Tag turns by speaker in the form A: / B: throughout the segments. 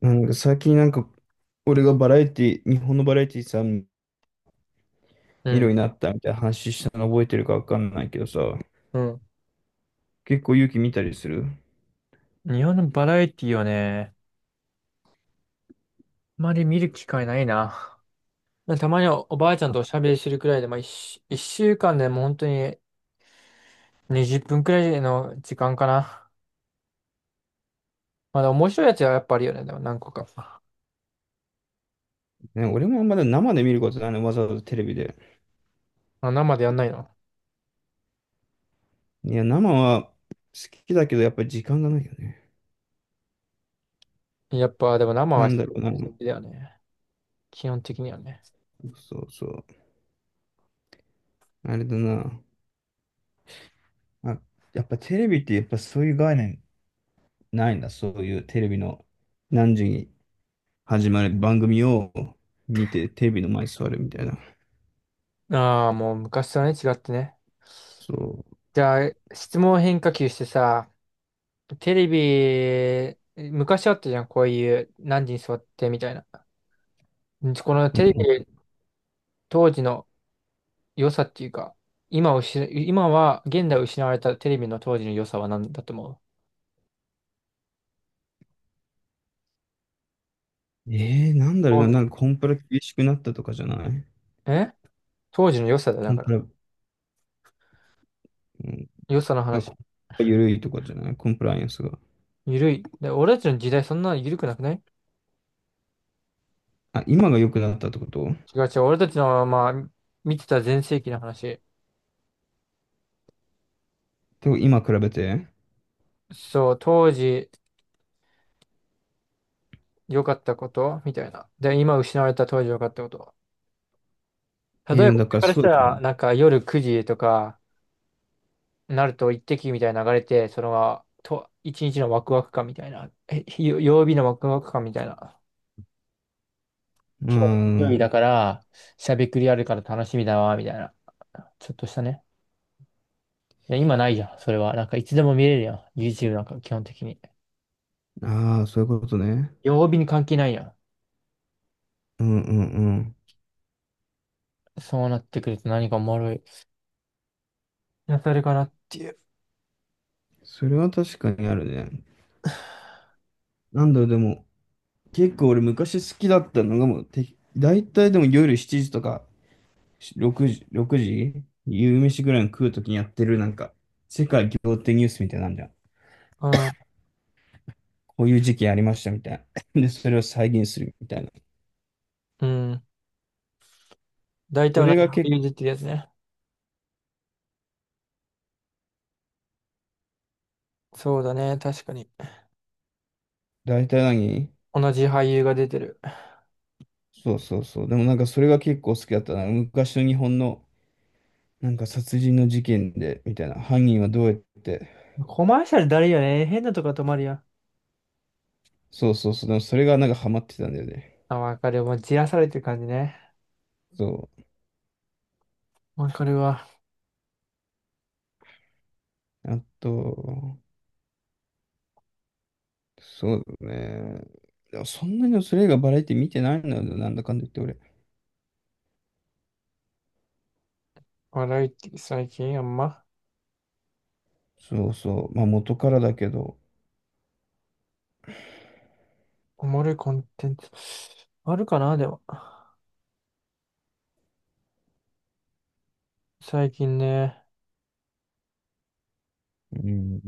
A: なんか最近なんか、俺がバラエティ、日本のバラエティさ、見
B: う
A: るように
B: ん。
A: なったみたいな話したの覚えてるかわかんないけどさ、
B: うん。
A: 結構勇気見たりする。
B: 日本のバラエティはね、あまり見る機会ないな。たまにおばあちゃんとおしゃべりするくらいで、まあ、一週間でも本当に20分くらいの時間かな。まだ面白いやつはやっぱあるよね。でも何個か。
A: ね、俺もまだ生で見ることないねわざわざテレビで。
B: あ、生でやんないの？
A: いや、生は好きだけど、やっぱり時間がないよね。
B: やっぱ、でも生
A: な
B: は
A: ん
B: 好
A: だろうな。
B: きだよね。基本的にはね。
A: そうそう。あれだな。あ、やっぱテレビってやっぱそういう概念ないんだ。そういうテレビの何時に始まる番組を見て、テレビの前に座るみたいな。
B: ああ、もう昔とはね、違ってね。
A: そ
B: じゃあ、質問変化球してさ、テレビ、昔あったじゃん、こういう何時に座ってみたいな。このテレ
A: う。
B: ビ当時の良さっていうか、今をし、今は、現代失われたテレビの当時の良さは何だと思
A: なんだろう
B: う？
A: な、なんかコンプラ厳しくなったとかじゃない。
B: 時え当時の良さだよ、
A: コ
B: だ
A: ン
B: か
A: プ
B: ら。
A: ラ、うん、
B: 良さの話。
A: コンプラ緩いとかじゃないコンプライアンスが。
B: ゆるい。で、俺たちの時代そんな緩くなくない？
A: あ、今が良くなったってこと？
B: 違う違う。俺たちの、まあ、見てた全盛期の話。
A: でも今比べて
B: そう、当時良かったことみたいな。で、今失われた当時良かったこと。例えば、
A: だ
B: これ
A: から
B: からし
A: そう
B: た
A: でしょ。
B: ら、なんか夜9時とかなると一滴みたいな流れて、一日のワクワク感みたいな。曜日のワクワク感みたいな。
A: う
B: 一人
A: ん。
B: だから、しゃべくりあるから楽しみだわ、みたいな。ちょっとしたね。いや、今ないじゃん、それは。なんかいつでも見れるやん。YouTube なんか基本的に。
A: ああ、そういうことね。
B: 曜日に関係ないやん。
A: うんうんうん。
B: そうなってくると何かおもろい。やされかなっていう。
A: それは確かにあるね。なんだろう、でも、結構俺昔好きだったのがもう、て、大体でも夜7時とか6時、夕飯ぐらいの食うときにやってるなんか、世界仰天ニュースみたいなんじゃん。
B: うん。
A: こういう事件ありましたみたいな。で、それを再現するみたいな。
B: うん。大体
A: そ
B: 同
A: れ
B: じ
A: が
B: 俳
A: 結構、
B: 優出てるやつね。そうだね、確かに。
A: 大体何
B: 同じ俳優が出てる。
A: そうそうそう。でもなんかそれが結構好きだったな。昔の日本のなんか殺人の事件で、みたいな。犯人はどうやって。
B: コマーシャルだるいよね。変なとこ止まるやん。
A: そうそうそう。でもそれがなんかハマってたんだよね。
B: あ、わかる。もうじらされてる感じね。
A: そ
B: わかるわ。
A: う。あと、そうだね。でもそんなにそれ以外バラエティ見てないんだよ、なんだかんだ言って俺。
B: 笑いって最近あんま、
A: そうそう。まあ元からだけど。
B: おもろいコンテンツ。あるかな、でも。最近ね。
A: うん。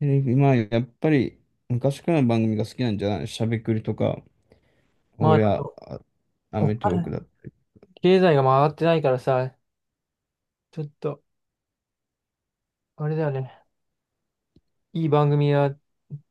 A: テレビまあやっぱり昔からの番組が好きなんじゃない？しゃべくりとか。
B: まあ、あ
A: 俺は、
B: と、
A: ア
B: お
A: メトーーク
B: 金、
A: だ。
B: 経済が回ってないからさ、ちょっと、あれだよね。いい番組は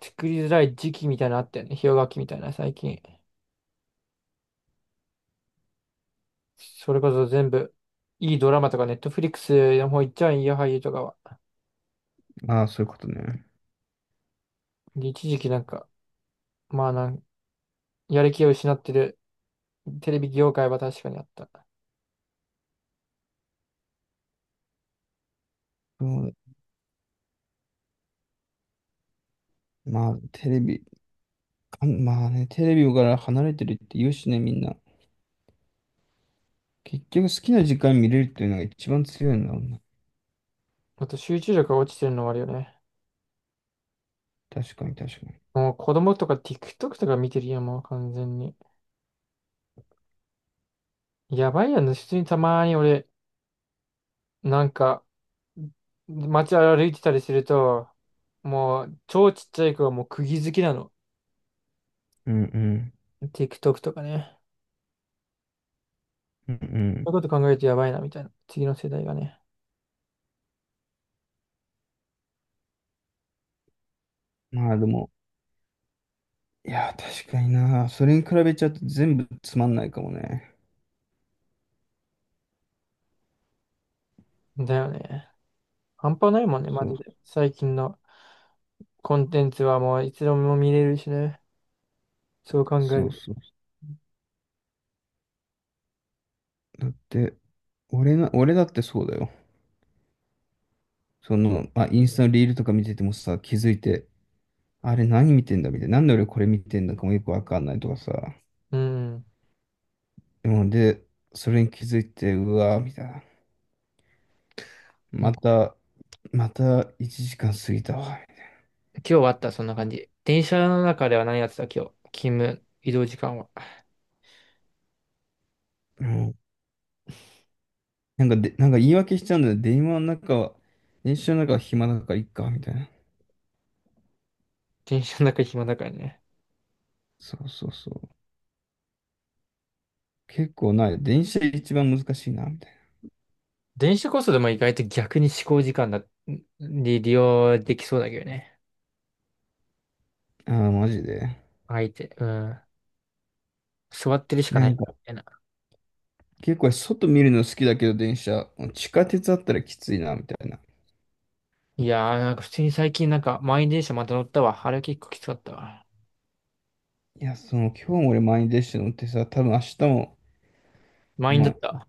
B: 作りづらい時期みたいなのあったよね。氷河期みたいな、最近。それこそ全部、いいドラマとか、ネットフリックスの方行っちゃうんや、俳優とかは。
A: ああ、そういうことね。
B: で一時期なんか、まあなん、やる気を失ってるテレビ業界は確かにあった。
A: そうだまあ、テレビ、まあね、テレビから離れてるって言うしね、みんな。結局好きな時間見れるっていうのが一番強いんだもんな。
B: あと、集中力が落ちてるのはあるよね。
A: 確かに、確かに。
B: もう子供とか TikTok とか見てるやん、もう完全に。やばいやん、普通にたまに俺、なんか、街歩いてたりすると、もう超ちっちゃい子はもう釘付きなの。
A: うんうん。
B: TikTok とかね。
A: うん
B: そういうこと考えるとやばいなみたいな。次の世代がね。
A: うん。まあでも、いや、確かにな。それに比べちゃうと全部つまんないかもね。
B: だよね。半端ないもんね、
A: そ
B: マ
A: う
B: ジで。最近のコンテンツはもういつでも見れるしね。そう考え
A: そう
B: る。
A: そう。だって、俺だってそうだよ。その、まあ、インスタのリールとか見ててもさ、気づいて、あれ何見てんだみたいな。なんで俺これ見てんだかもよくわかんないとかさ。
B: うん。
A: でもで、それに気づいて、うわーみたいな。
B: も
A: ま
B: う
A: た、また1時間過ぎたわ。
B: 今日はあった、そんな感じ。電車の中では何やってた、今日？勤務、移動時間は。
A: うん。なんかで、なんか言い訳しちゃうんだよ。電車の中は暇だからいっか、みたいな。
B: 電車の中暇だからね。
A: そうそうそう。結構ない。電車一番難しいな、みたい
B: 電子こそでも意外と逆に思考時間だ、に利用できそうだけどね。
A: な。ああ、マジで。
B: 相手、うん。座ってるしか
A: な
B: な
A: ん
B: い
A: か、
B: みたいな。
A: 結構外見るの好きだけど、電車。地下鉄あったらきついな、みたいな。
B: いやー、なんか普通に最近なんか満員電車また乗ったわ。あれは結構きつかったわ。
A: いや、その、今日も俺満員電車乗ってさ、多分明日も、
B: 満員
A: ま
B: だっ
A: あ、
B: た。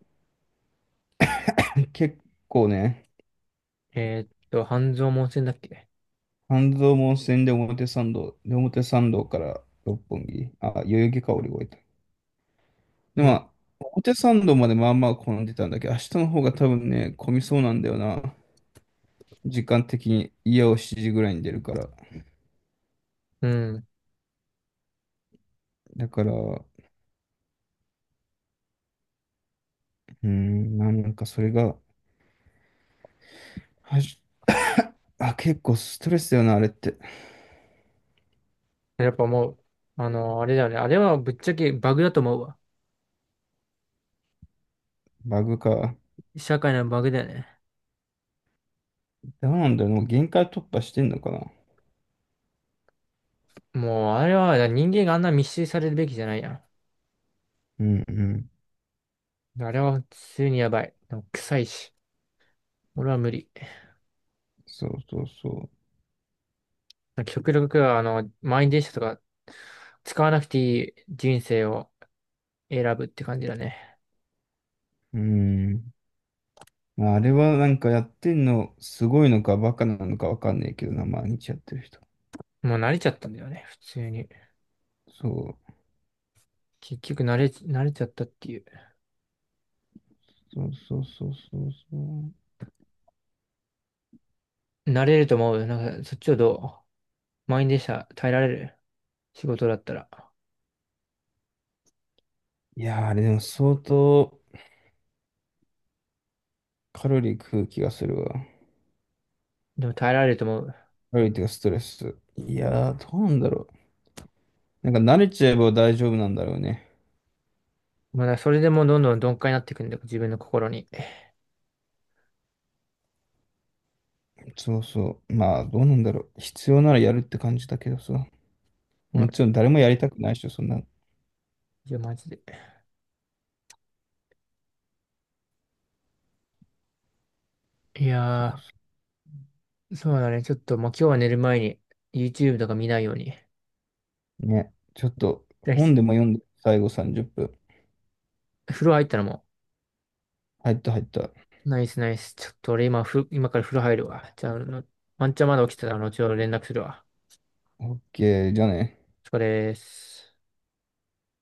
A: 結構ね、
B: 半蔵門線だっけ
A: 半蔵門線で表参道、表参道から六本木、あ、代々木か降り終えた。で、ま
B: よ、
A: あ、表参道までまあまあ混んでたんだけど、明日の方が多分ね、混みそうなんだよな。時間的に家を7時ぐらいに出るから。
B: うん。
A: だから、うーん、なんかそれが、はじあ、結構ストレスだよな、あれって。
B: やっぱもう、あれだよね。あれはぶっちゃけバグだと思うわ。
A: バグか。
B: 社会のバグだよね。
A: どうなんだろう、もう限界突破してんのかな。
B: もう、あれは人間があんな密集されるべきじゃないやん。
A: うんうん。
B: あれは普通にやばい。でも臭いし。俺は無理。
A: そうそうそ
B: なんか極力、あの、満員電車とか使わなくていい人生を選ぶって感じだね。
A: う。うーん。まあ、あれはなんかやってんの、すごいのかバカなのかわかんないけどな、毎日やってる人。
B: もう慣れちゃったんだよね、普通に。
A: そう。
B: 結局慣れちゃったっていう。
A: そうそうそうそうそう。
B: 慣れると思う。なんか、そっちをどう満員電車耐えられる仕事だったら。
A: いやー、あれでも相当カロリー食う気がするわ。
B: でも耐えられると思う。
A: カロリーっていうかストレス。いやー、どうなんだろう。なんか慣れちゃえば大丈夫なんだろうね。
B: まあ、それでもうどんどん鈍化になっていくんだよ、自分の心に。
A: そうそう。まあ、どうなんだろう。必要ならやるって感じだけどさ。
B: うん、
A: もちろん誰もやりたくないでしょ、そんな。
B: いや、マジで。い
A: そう
B: や
A: そ
B: ー、そうだね。ちょっと、もう今日は寝る前に YouTube とか見ないように。
A: うね。ちょっと本で
B: で
A: も読んで、最後30分。
B: 風呂入ったらもう
A: 入った入った。
B: ナイスナイス。ちょっと俺今から風呂入るわ。じゃあ、あのワンチャンまだ起きてたら後ほど連絡するわ。
A: オッケーじゃあね。
B: お疲れです。